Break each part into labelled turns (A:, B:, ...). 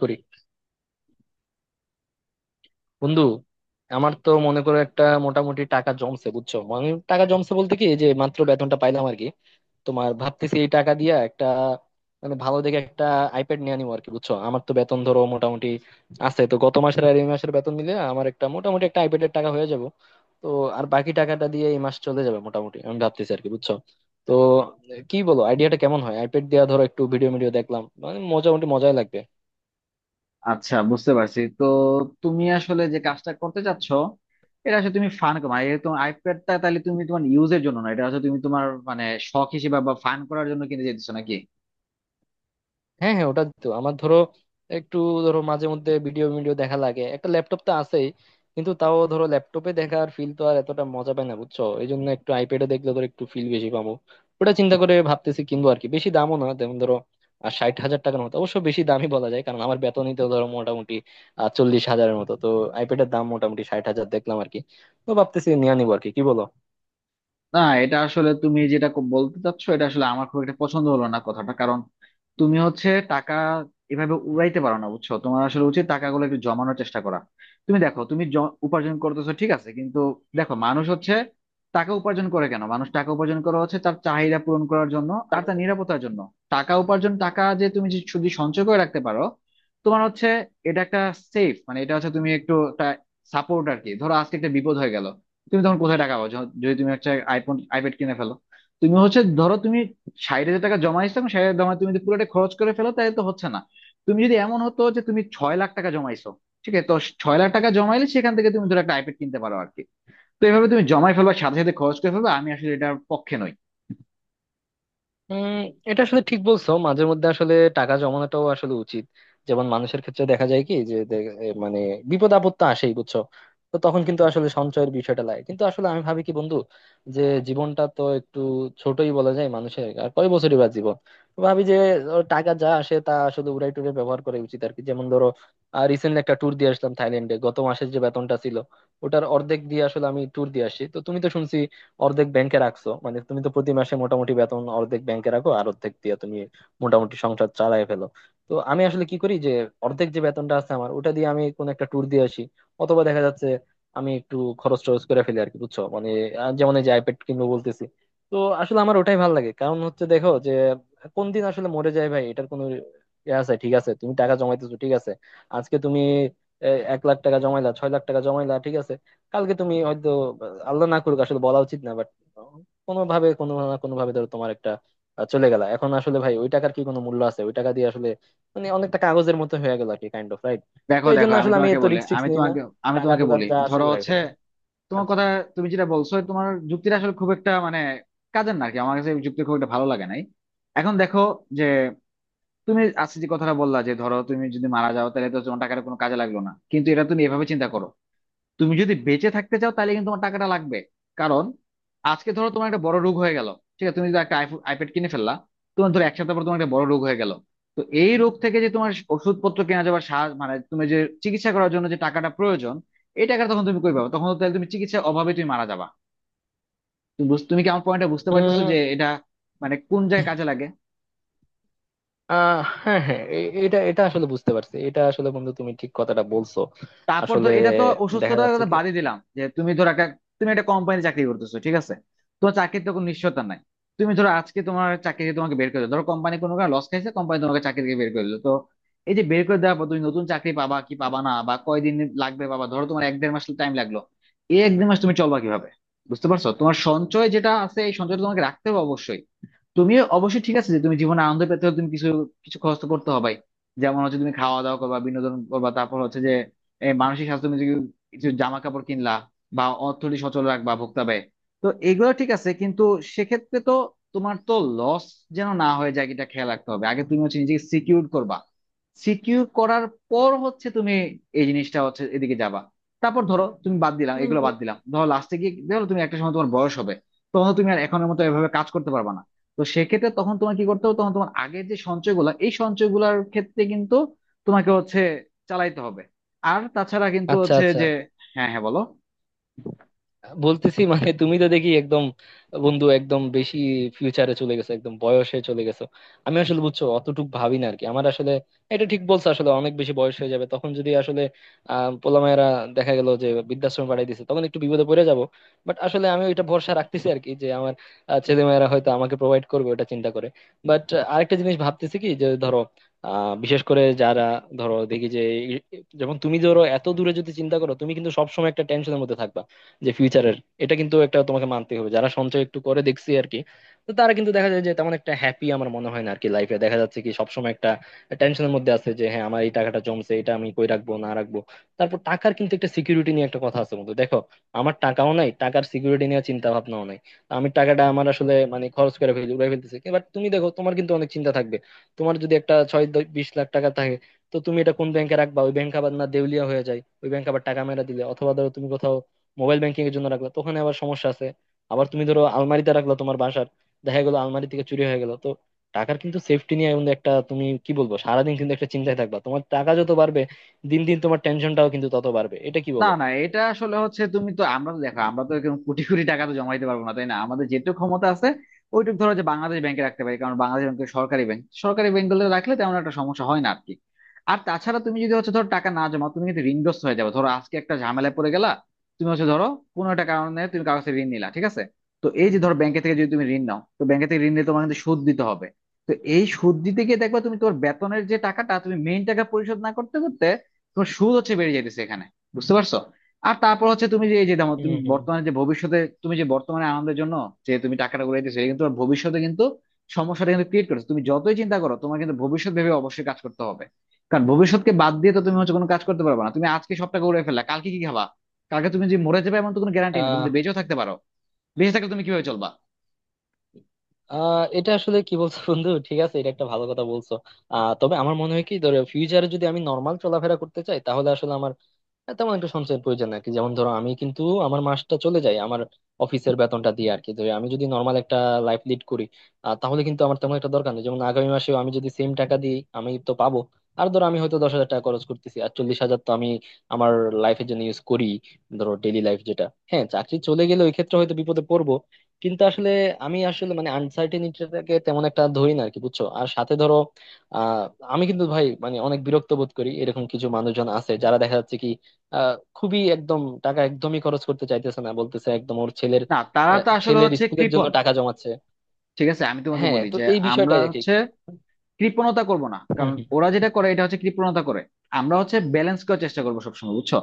A: করি বন্ধু। আমার তো মনে করো একটা মোটামুটি টাকা জমছে, বুঝছো? মানে টাকা জমছে বলতে কি, এই যে মাত্র বেতনটা পাইলাম আর কি। তোমার ভাবতেছি এই টাকা দিয়া একটা মানে ভালো দেখে একটা আইপ্যাড নিয়ে নিবো আর কি, বুঝছো? আমার তো বেতন ধরো মোটামুটি আছে, তো গত মাসের আর এই মাসের বেতন মিলে আমার একটা মোটামুটি একটা আইপ্যাডের টাকা হয়ে যাব তো। আর বাকি টাকাটা দিয়ে এই মাস চলে যাবে মোটামুটি, আমি ভাবতেছি আর কি, বুঝছো? তো কি বলো, আইডিয়াটা কেমন হয়? আইপ্যাড দিয়া ধরো একটু ভিডিও ভিডিও দেখলাম, মানে মোটামুটি মজাই লাগবে।
B: আচ্ছা, বুঝতে পারছি। তো তুমি আসলে যে কাজটা করতে চাচ্ছ, এটা আসলে তুমি ফান মানে এটা তোমার আইপ্যাডটা তাহলে তুমি তোমার ইউজের জন্য না, এটা আসলে তুমি তোমার মানে শখ হিসেবে বা ফান করার জন্য কিনে যেতেছো নাকি?
A: হ্যাঁ হ্যাঁ, ওটা তো আমার ধরো একটু, ধরো মাঝে মধ্যে ভিডিও ভিডিও দেখা লাগে। একটা ল্যাপটপ তো আছেই, কিন্তু তাও ধরো ল্যাপটপে দেখার ফিল তো আর এতটা মজা পায় না, বুঝছো? এই জন্য একটু আইপ্যাডে দেখলে ধরো একটু ফিল বেশি পাবো। ওটা চিন্তা করে ভাবতেছি কিনবো আর কি। বেশি দামও না, যেমন ধরো আর 60,000 টাকার মতো। অবশ্য বেশি দামই বলা যায়, কারণ আমার বেতনই তো ধরো মোটামুটি 40,000-এর মতো তো। আইপ্যাডের দাম মোটামুটি 60,000 দেখলাম আর কি। তো ভাবতেছি নিয়ে নিবো আর কি, কি বলো?
B: না, এটা আসলে তুমি যেটা বলতে চাচ্ছ, এটা আসলে আমার খুব একটা পছন্দ হলো না কথাটা। কারণ তুমি হচ্ছে টাকা এভাবে উড়াইতে পারো না বুঝছো, তোমার আসলে উচিত টাকাগুলো একটু জমানোর চেষ্টা করা। তুমি দেখো, তুমি উপার্জন করতেছো ঠিক আছে, কিন্তু দেখো, মানুষ হচ্ছে টাকা উপার্জন করে কেন, মানুষ টাকা উপার্জন করা হচ্ছে তার চাহিদা পূরণ করার জন্য আর তার নিরাপত্তার জন্য। টাকা উপার্জন টাকা যে তুমি যে শুধু সঞ্চয় করে রাখতে পারো, তোমার হচ্ছে এটা একটা সেফ মানে এটা হচ্ছে তুমি একটু একটা সাপোর্ট আর কি। ধরো আজকে একটা বিপদ হয়ে গেল, তুমি তখন কোথায় টাকা পাবো যদি তুমি একটা আইফোন আইপ্যাড কিনে ফেলো। তুমি হচ্ছে ধরো তুমি 60,000 টাকা জমাইছো এবং 60,000 জমায় তুমি যদি পুরোটা খরচ করে ফেলো তাহলে তো হচ্ছে না। তুমি যদি এমন হতো যে তুমি 6,00,000 টাকা জমাইছো, ঠিক আছে তো? 6,00,000 টাকা জমাইলে সেখান থেকে তুমি ধরো একটা আইপ্যাড কিনতে পারো আর কি। তো এভাবে তুমি জমাই ফেলবা সাথে সাথে খরচ করে ফেলবা, আমি আসলে এটার পক্ষে নই।
A: উম এটা আসলে ঠিক বলছো, মাঝে মধ্যে আসলে টাকা জমানোটাও আসলে উচিত। যেমন মানুষের ক্ষেত্রে দেখা যায় কি যে এ মানে বিপদ আপদ তো আসেই, বুঝছো? তো তখন কিন্তু আসলে সঞ্চয়ের বিষয়টা লাগে। কিন্তু আসলে আমি ভাবি কি বন্ধু, যে জীবনটা তো একটু ছোটই বলা যায়, মানুষের আর কয় বছরই বা জীবন। তো ভাবি যে ও টাকা যা আসে তা আসলে উড়াই টুড়ে ব্যবহার করা উচিত আর কি। যেমন ধরো রিসেন্টলি একটা ট্যুর দিয়ে আসলাম থাইল্যান্ডে, গত মাসের যে বেতনটা ছিল ওটার অর্ধেক দিয়ে আসলে আমি ট্যুর দিয়ে আসি। তো তুমি তো শুনছি অর্ধেক ব্যাংকে রাখছো, মানে তুমি তো প্রতি মাসে মোটামুটি বেতন অর্ধেক ব্যাংকে রাখো আর অর্ধেক দিয়ে তুমি মোটামুটি সংসার চালায় ফেলো। তো আমি আসলে কি করি যে, অর্ধেক যে বেতনটা আছে আমার ওটা দিয়ে আমি কোন একটা ট্যুর দিয়ে আসি, অথবা দেখা যাচ্ছে আমি একটু খরচ টরচ করে ফেলি আর কি, বুঝছো? মানে যেমন এই যে আইপ্যাড কিনবো বলতেছি। তো আসলে আমার ওটাই ভালো লাগে, কারণ হচ্ছে দেখো যে কোন দিন আসলে মরে যায় ভাই, এটার কোনো ইয়ে আছে? ঠিক আছে, তুমি টাকা জমাইতেছো ঠিক আছে। আজকে তুমি 1,00,000 টাকা জমাইলা, 6,00,000 টাকা জমাইলা ঠিক আছে। কালকে তুমি হয়তো আল্লাহ না করুক আসলে বলা উচিত না, বাট কোনো ভাবে, কোনো না কোনো ভাবে ধরো তোমার একটা চলে গেল। এখন আসলে ভাই ওই টাকার কি কোনো মূল্য আছে? ওই টাকা দিয়ে আসলে মানে অনেকটা কাগজের মতো হয়ে গেল আর কি। Kind of right? তো
B: দেখো
A: এই
B: দেখো
A: জন্য
B: আমি
A: আসলে আমি
B: তোমাকে
A: এত
B: বলে
A: রিস্ক টিক্স
B: আমি
A: নিই না,
B: তোমাকে আমি
A: টাকা
B: তোমাকে
A: টুকা
B: বলি,
A: যা আছে
B: ধরো
A: উড়াই
B: হচ্ছে
A: ফেলি।
B: তোমার
A: আচ্ছা।
B: কথা, তুমি যেটা বলছো তোমার যুক্তিটা আসলে খুব একটা মানে কাজের না আর কি, আমার কাছে এই যুক্তি খুব একটা ভালো লাগে নাই। এখন দেখো যে, তুমি আজকে যে কথাটা বললা যে ধরো তুমি যদি মারা যাও তাহলে তো তোমার টাকাটা কোনো কাজে লাগলো না, কিন্তু এটা তুমি এভাবে চিন্তা করো, তুমি যদি বেঁচে থাকতে চাও তাহলে কিন্তু তোমার টাকাটা লাগবে। কারণ আজকে ধরো তোমার একটা বড় রোগ হয়ে গেল, ঠিক আছে। তুমি যদি একটা আইপ্যাড কিনে ফেললা, তোমার ধরো 1 সপ্তাহ পর তোমার একটা বড় রোগ হয়ে গেল, তো এই রোগ থেকে যে তোমার ওষুধপত্র কেনা যাবে সাহায্য মানে তুমি যে চিকিৎসা করার জন্য যে টাকাটা প্রয়োজন, এই টাকাটা তখন তুমি কই পাবে? তখন তো তাহলে তুমি চিকিৎসার অভাবে তুমি মারা যাবা। তুমি তুমি কি আমার পয়েন্টটা বুঝতে পারতেছো যে
A: উম
B: এটা মানে কোন জায়গায় কাজে লাগে?
A: আহ হ্যাঁ হ্যাঁ, এ- এটা এটা আসলে বুঝতে পারছি, এটা আসলে বন্ধু তুমি ঠিক কথাটা বলছো।
B: তারপর ধর,
A: আসলে
B: এটা তো
A: দেখা
B: অসুস্থতার
A: যাচ্ছে
B: কথা
A: কি,
B: বাদই দিলাম, যে তুমি ধর একটা তুমি একটা কোম্পানি চাকরি করতেছো ঠিক আছে। তোমার চাকরির তো চাকরিতে কোনো নিশ্চয়তা নাই। তুমি ধরো আজকে তোমার চাকরি থেকে তোমাকে বের করে দিলো, ধরো কোম্পানি কোনো কারণে লস খাইছে, কোম্পানি তোমাকে চাকরি থেকে বের করে দিলো। তো এই যে বের করে দেওয়ার পর তুমি নতুন চাকরি পাবা কি পাবা না, বা কয়দিন লাগবে, বাবা ধরো তোমার 1 দেড় মাস টাইম লাগলো, এই 1 দেড় মাস তুমি চলবা কিভাবে? বুঝতে পারছো, তোমার সঞ্চয় যেটা আছে এই সঞ্চয়টা তোমাকে রাখতে হবে অবশ্যই। তুমিও অবশ্যই ঠিক আছে যে তুমি জীবনে আনন্দ পেতে হলে তুমি কিছু কিছু খরচ তো করতে হবেই। যেমন হচ্ছে তুমি খাওয়া দাওয়া করবা, বিনোদন করবা, তারপর হচ্ছে যে এই মানসিক স্বাস্থ্য তুমি কিছু কিছু জামা কাপড় কিনলা, বা অর্থনীতি সচল রাখবা ভোক্তা ব্যয়। তো এগুলো ঠিক আছে, কিন্তু সেক্ষেত্রে তো তোমার তো লস যেন না হয়ে যায় এটা খেয়াল রাখতে হবে। আগে তুমি হচ্ছে নিজেকে সিকিউর করবা, সিকিউর করার পর হচ্ছে তুমি এই জিনিসটা হচ্ছে এদিকে যাবা। তারপর ধরো তুমি বাদ দিলাম,
A: হুম,
B: এগুলো বাদ
A: হুম।
B: দিলাম, ধরো লাস্টে গিয়ে ধরো তুমি একটা সময় তোমার বয়স হবে, তখন তো তুমি আর এখনের মতো এভাবে কাজ করতে পারবা না। তো সেক্ষেত্রে তখন তোমার কি করতে হবে, তখন তোমার আগের যে সঞ্চয়গুলা এই সঞ্চয়গুলার ক্ষেত্রে কিন্তু তোমাকে হচ্ছে চালাইতে হবে। আর তাছাড়া কিন্তু
A: আচ্ছা
B: হচ্ছে
A: আচ্ছা,
B: যে হ্যাঁ হ্যাঁ বলো।
A: বলতেছি মানে তুমি তো দেখি একদম বন্ধু একদম বেশি ফিউচারে চলে গেছো, একদম বয়সে চলে গেছো। আমি আসলে বুঝছো অতটুক ভাবি না আর কি। আমার আসলে এটা ঠিক বলছো, আসলে অনেক বেশি বয়স হয়ে যাবে তখন, যদি আসলে পোলামায়েরা দেখা গেল যে বৃদ্ধাশ্রমে পাঠিয়ে দিছে, তখন একটু বিপদে পড়ে যাব। বাট আসলে আমি ওইটা ভরসা রাখতেছি আর কি, যে আমার ছেলে মেয়েরা হয়তো আমাকে প্রোভাইড করবে, ওটা চিন্তা করে। বাট আরেকটা জিনিস ভাবতেছি কি, যে ধরো বিশেষ করে যারা ধরো দেখি যে এই- যেমন তুমি ধরো এত দূরে যদি চিন্তা করো, তুমি কিন্তু সবসময় একটা টেনশনের মধ্যে থাকবা, যে ফিউচারের। এটা কিন্তু একটা তোমাকে মানতে হবে, যারা সঞ্চয় একটু করে দেখছি আর কি, তো তারা কিন্তু দেখা যায় যে তেমন একটা হ্যাপি আমার মনে হয় না আর কি লাইফে। দেখা যাচ্ছে কি সবসময় একটা টেনশনের মধ্যে আছে, যে হ্যাঁ, আমার এই টাকাটা জমছে, এটা আমি কই রাখবো না রাখবো। তারপর টাকার কিন্তু একটা সিকিউরিটি নিয়ে একটা কথা আছে বন্ধু, দেখো আমার টাকাও নাই, টাকার সিকিউরিটি নিয়ে চিন্তা ভাবনাও নাই। আমি টাকাটা আমার আসলে মানে খরচ করে ফেলি, উড়াই ফেলতেছি। এবার তুমি দেখো তোমার কিন্তু অনেক চিন্তা থাকবে, তোমার যদি একটা 20,00,000 টাকা থাকে। তো তুমি এটা কোন ব্যাংকে রাখবা? ওই ব্যাংক আবার না দেউলিয়া হয়ে যায়, ওই ব্যাংক আবার টাকা মেরা দিলে, অথবা ধরো তুমি কোথাও মোবাইল ব্যাংকিং এর জন্য রাখলা, তো ওখানে আবার সমস্যা আছে। আবার তুমি ধরো আলমারিতে রাখলা তোমার বাসার, দেখা গেলো আলমারি থেকে চুরি হয়ে গেল। তো টাকার কিন্তু সেফটি নিয়ে কিন্তু একটা, তুমি কি বলবো সারাদিন কিন্তু একটা চিন্তায় থাকবা, তোমার টাকা যত বাড়বে দিন দিন তোমার টেনশনটাও কিন্তু তত বাড়বে, এটা কি
B: না
A: বলো?
B: না, এটা আসলে হচ্ছে তুমি তো, আমরা তো দেখো আমরা তো এরকম কোটি কোটি টাকা তো জমাইতে পারবো না তাই না, আমাদের যেটুকু ক্ষমতা আছে ওইটুকু ধরো যে বাংলাদেশ ব্যাংকে রাখতে পারি, কারণ বাংলাদেশ ব্যাংক সরকারি ব্যাংক, সরকারি ব্যাংকগুলো রাখলে তেমন একটা সমস্যা হয় না আর কি। আর তাছাড়া তুমি যদি হচ্ছে ধরো টাকা না জমা, তুমি কিন্তু ঋণগ্রস্ত হয়ে যাবে। ধরো আজকে একটা ঝামেলায় পড়ে গেলা, তুমি হচ্ছে ধরো কোনো একটা কারণে তুমি কারো কাছে ঋণ নিলা, ঠিক আছে। তো এই যে ধরো ব্যাংকে থেকে যদি তুমি ঋণ নাও, তো ব্যাংকে থেকে ঋণ নিয়ে তোমার কিন্তু সুদ দিতে হবে। তো এই সুদ দিতে গিয়ে দেখবা, তুমি তোমার বেতনের যে টাকাটা তুমি মেইন টাকা পরিশোধ না করতে করতে তোমার সুদ হচ্ছে বেড়ে যাইতেছে এখানে। বুঝতে পারছো? আর তারপর হচ্ছে তুমি যে এই যে দেখো
A: হম
B: তুমি
A: হম।
B: বর্তমানে যে ভবিষ্যতে তুমি যে বর্তমানে আনন্দের জন্য যে তুমি টাকাটা উড়াইতেছো, এটা কিন্তু তোমার ভবিষ্যতে কিন্তু সমস্যাটা কিন্তু ক্রিয়েট করছে। তুমি যতই চিন্তা করো তোমার কিন্তু ভবিষ্যৎ ভেবে অবশ্যই কাজ করতে হবে, কারণ ভবিষ্যৎকে বাদ দিয়ে তো তুমি হচ্ছে কোনো কাজ করতে পারবে না। তুমি আজকে সব টাকা উড়াই ফেললা, কালকে কি খাবা? কালকে তুমি যে মরে যাবে এমন তো কোনো গ্যারান্টি নেই, তুমি
A: আহ
B: তো বেঁচেও থাকতে পারো। বেঁচে থাকলে তুমি কিভাবে চলবা?
A: আহ এটা আসলে কি বলছো বন্ধু, ঠিক আছে, এটা একটা ভালো কথা বলছো। তবে আমার মনে হয় কি, ধরো ফিউচারে যদি আমি নর্মাল চলাফেরা করতে চাই, তাহলে আসলে আমার হ্যাঁ, তেমন একটা সঞ্চয়ের প্রয়োজন আর কি। যেমন ধরো আমি কিন্তু আমার মাসটা চলে যায় আমার অফিসের বেতনটা দিয়ে আর কি। তো আমি যদি নর্মাল একটা লাইফ লিড করি, তাহলে কিন্তু আমার তেমন একটা দরকার নেই। যেমন আগামী মাসেও আমি যদি সেম টাকা দিই আমি তো পাবো। আর ধরো আমি হয়তো 10,000 টাকা খরচ করতেছি আর 40,000 তো আমি আমার লাইফের জন্য ইউজ করি, ধরো ডেইলি লাইফ যেটা। হ্যাঁ চাকরি চলে গেলে ওই ক্ষেত্রে হয়তো বিপদে পড়বো, কিন্তু আসলে আমি আসলে মানে আনসার্টেনিটিটাকে তেমন একটা ধরি না আর কি, বুঝছো? আর সাথে ধরো আহ আমি কিন্তু ভাই মানে অনেক বিরক্ত বোধ করি, এরকম কিছু মানুষজন আছে যারা দেখা যাচ্ছে কি খুবই একদম টাকা একদমই খরচ করতে চাইতেছে না, বলতেছে একদম ওর ছেলের
B: না, তারা তো আসলে
A: ছেলের
B: হচ্ছে
A: স্কুলের জন্য
B: কৃপণ।
A: টাকা জমাচ্ছে।
B: ঠিক আছে, আমি তোমাকে
A: হ্যাঁ,
B: বলি
A: তো
B: যে
A: এই
B: আমরা
A: বিষয়টাই আর কি।
B: হচ্ছে কৃপণতা করব না,
A: হুম,
B: কারণ
A: হুম।
B: ওরা যেটা করে এটা হচ্ছে কৃপণতা করে। আমরা হচ্ছে ব্যালেন্স করার চেষ্টা করবো সবসময়, বুঝছো।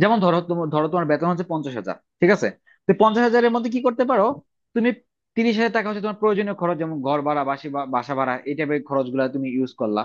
B: যেমন ধরো তোমার ধরো তোমার বেতন হচ্ছে 50,000, ঠিক আছে। তো 50,000-এর মধ্যে কি করতে পারো, তুমি 30,000 টাকা হচ্ছে তোমার প্রয়োজনীয় খরচ, যেমন ঘর ভাড়া বাসা ভাড়া এই টাইপের খরচগুলো তুমি ইউজ করলা।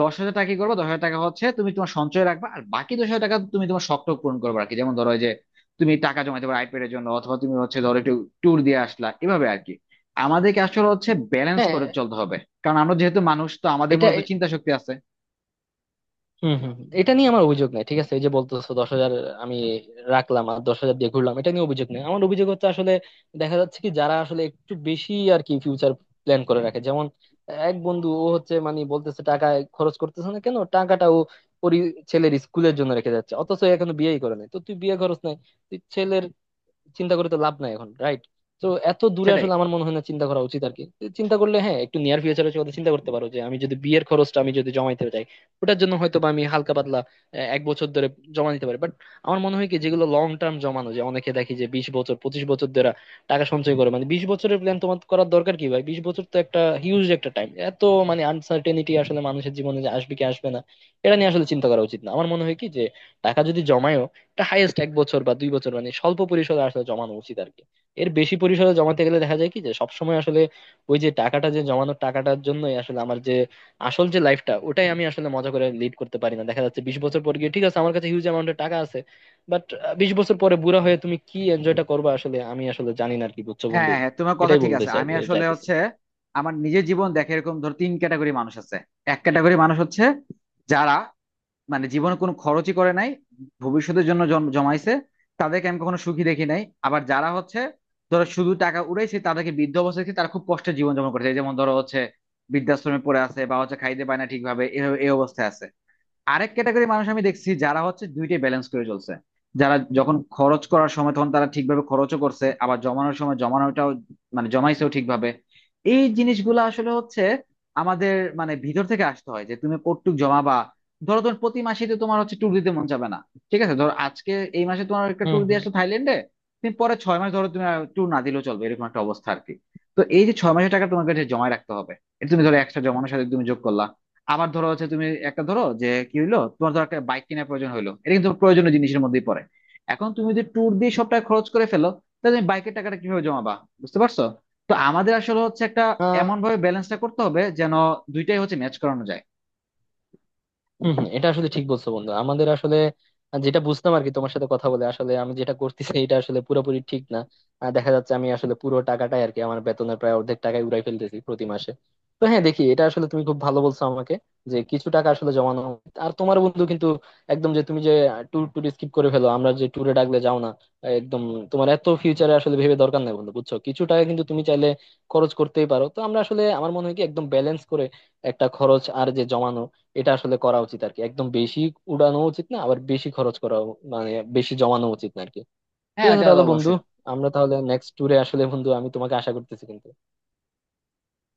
B: 10,000 টাকা কি করবে, 10,000 টাকা হচ্ছে তুমি তোমার সঞ্চয় রাখবা, আর বাকি 10,000 টাকা তুমি তোমার শখ টখ পূরণ করবে আর কি। যেমন ধরো এই যে তুমি টাকা জমাতে পারো আইপ্যাডের জন্য, অথবা তুমি হচ্ছে ধরো একটু ট্যুর দিয়ে আসলা এভাবে আর কি। আমাদেরকে আসলে হচ্ছে ব্যালেন্স
A: হ্যাঁ।
B: করে চলতে হবে, কারণ আমরা যেহেতু মানুষ তো আমাদের
A: এটা
B: মধ্যে তো
A: এ-
B: চিন্তা শক্তি আছে।
A: হুম হুম, এটা নিয়ে আমার অভিযোগ নাই, ঠিক আছে। এই যে বলতেছো 10,000 আমি রাখলাম আর 10,000 দিয়ে ঘুরলাম, এটা নিয়ে অভিযোগ নেই। আমার অভিযোগ হচ্ছে আসলে দেখা যাচ্ছে কি যারা আসলে একটু বেশি আর কি ফিউচার প্ল্যান করে রাখে, যেমন এক বন্ধু ও হচ্ছে মানে বলতেছে টাকা খরচ করতেছে না কেন, টাকাটা ও ওর ই- ছেলের স্কুলের জন্য রেখে যাচ্ছে। অথচ ও এখনো বিয়েই করে নাই, তো তুই বিয়ে খরচ নাই, তুই ছেলের চিন্তা করে তো লাভ নাই এখন, রাইট? তো এত দূরে
B: সেটাই।
A: আসলে আমার মনে হয় না চিন্তা করা উচিত আর কি। চিন্তা করলে হ্যাঁ, একটু নিয়ার ফিউচারে কথা চিন্তা করতে পারো, যে আমি যদি বিয়ের খরচটা আমি যদি জমাইতে চাই, ওটার জন্য হয়তো বা আমি হালকা পাতলা 1 বছর ধরে জমা নিতে পারি। বাট আমার মনে হয় কি, যেগুলো লং টার্ম জমানো, যে অনেকে দেখি যে 20 বছর, 25 বছর ধরে টাকা সঞ্চয় করে, মানে 20 বছরের প্ল্যান তোমার করার দরকার কি ভাই? 20 বছর তো একটা হিউজ একটা টাইম। এত মানে আনসার্টেনিটি আসলে মানুষের জীবনে, যে আসবে কি আসবে না, এটা নিয়ে আসলে চিন্তা করা উচিত না। আমার মনে হয় কি যে টাকা যদি জমায়ও, এটা হাইয়েস্ট 1 বছর বা 2 বছর, মানে স্বল্প পরিসরে আসলে জমানো উচিত আর কি। এর বেশি পরিসরে জমাতে গেলে দেখা যায় কি যে সবসময় আসলে ওই যে টাকাটা, যে জমানোর টাকাটার জন্যই আসলে আমার যে আসল যে লাইফটা, ওটাই আমি আসলে মজা করে লিড করতে পারি না। দেখা যাচ্ছে 20 বছর পর গিয়ে ঠিক আছে আমার কাছে হিউজ অ্যামাউন্টের টাকা আছে, বাট 20 বছর পরে বুড়া হয়ে তুমি কি এনজয়টা করবে আসলে, আমি আসলে জানি না আর কি, বুঝছো
B: হ্যাঁ
A: বন্ধু?
B: হ্যাঁ, তোমার কথা
A: এটাই
B: ঠিক
A: বলতে
B: আছে।
A: চাই
B: আমি আসলে
A: যাইতেছি।
B: হচ্ছে আমার নিজের জীবন দেখে এরকম ধর তিন ক্যাটাগরি মানুষ আছে। এক ক্যাটাগরি মানুষ হচ্ছে যারা মানে জীবনে কোনো খরচই করে নাই, ভবিষ্যতের জন্য জমাইছে, তাদেরকে আমি কখনো সুখী দেখি নাই। আবার যারা হচ্ছে ধরো শুধু টাকা উড়াইছে, তাদেরকে বৃদ্ধ অবস্থায় দেখি তারা খুব কষ্টে জীবন যাপন করছে, এই যেমন ধরো হচ্ছে বৃদ্ধাশ্রমে পড়ে আছে বা হচ্ছে খাইতে পায় না ঠিকভাবে, এ এই অবস্থায় আছে। আরেক ক্যাটাগরি মানুষ আমি দেখছি যারা হচ্ছে দুইটাই ব্যালেন্স করে চলছে, যারা যখন খরচ করার সময় তখন তারা ঠিকভাবে খরচও করছে, আবার জমানোর সময় জমানোটাও মানে জমাইছেও ঠিকভাবে। এই জিনিসগুলো আসলে হচ্ছে আমাদের মানে ভিতর থেকে আসতে হয় যে তুমি কতটুক জমাবা। ধরো তোমার প্রতি মাসে তো তোমার হচ্ছে ট্যুর দিতে মন যাবে না, ঠিক আছে। ধরো আজকে এই মাসে তোমার একটা
A: হম
B: ট্যুর দিয়ে
A: হম।
B: আসলো থাইল্যান্ডে, তুমি পরে 6 মাস ধরো তুমি ট্যুর না দিলেও চলবে এরকম একটা অবস্থা আর কি। তো এই যে 6 মাসের টাকা তোমার কাছে জমা রাখতে হবে, এটা তুমি ধরো 100 জমানোর সাথে তুমি যোগ করলা। আবার ধরো হচ্ছে তুমি একটা ধরো যে কি হইলো, তোমার ধরো একটা বাইক কেনার প্রয়োজন হইলো, এটা কিন্তু প্রয়োজনীয় জিনিসের মধ্যেই পড়ে। এখন তুমি যদি ট্যুর দিয়ে সব টাকা খরচ করে ফেলো, তাহলে তুমি বাইকের টাকাটা কিভাবে জমাবা? বুঝতে পারছো। তো আমাদের আসলে হচ্ছে একটা
A: আহ
B: এমন ভাবে ব্যালেন্সটা করতে হবে যেন দুইটাই হচ্ছে ম্যাচ করানো যায়।
A: হম হম, এটা আসলে ঠিক বলছো বন্ধু। আমাদের আসলে যেটা বুঝতাম আর কি, তোমার সাথে কথা বলে আসলে আমি যেটা করতেছি এটা আসলে পুরোপুরি ঠিক না। আহ, দেখা যাচ্ছে আমি আসলে পুরো টাকাটাই আর কি আমার বেতনের প্রায় অর্ধেক টাকাই উড়াই ফেলতেছি প্রতি মাসে। তো হ্যাঁ, দেখি এটা আসলে তুমি খুব ভালো বলছো আমাকে, যে কিছু টাকা আসলে জমানো উচিত। আর তোমার বন্ধু কিন্তু একদম, যে তুমি যে ট্যুর ট্যুর স্কিপ করে ফেলো, আমরা যে ট্যুরে ডাকলে যাও না একদম, তোমার এত ফিউচারে আসলে ভেবে দরকার নাই বন্ধু, বুঝছো? কিছু টাকা কিন্তু তুমি চাইলে খরচ করতেই পারো। তো আমরা আসলে আমার মনে হয় কি একদম ব্যালেন্স করে একটা খরচ আর যে জমানো, এটা আসলে করা উচিত আর কি। একদম বেশি উড়ানো উচিত না, আবার বেশি খরচ করা মানে বেশি জমানো উচিত না আর কি। ঠিক
B: হ্যাঁ,
A: আছে
B: এটা তো
A: তাহলে বন্ধু,
B: অবশ্যই।
A: আমরা তাহলে নেক্সট ট্যুরে আসলে বন্ধু আমি তোমাকে আশা করতেছি কিন্তু।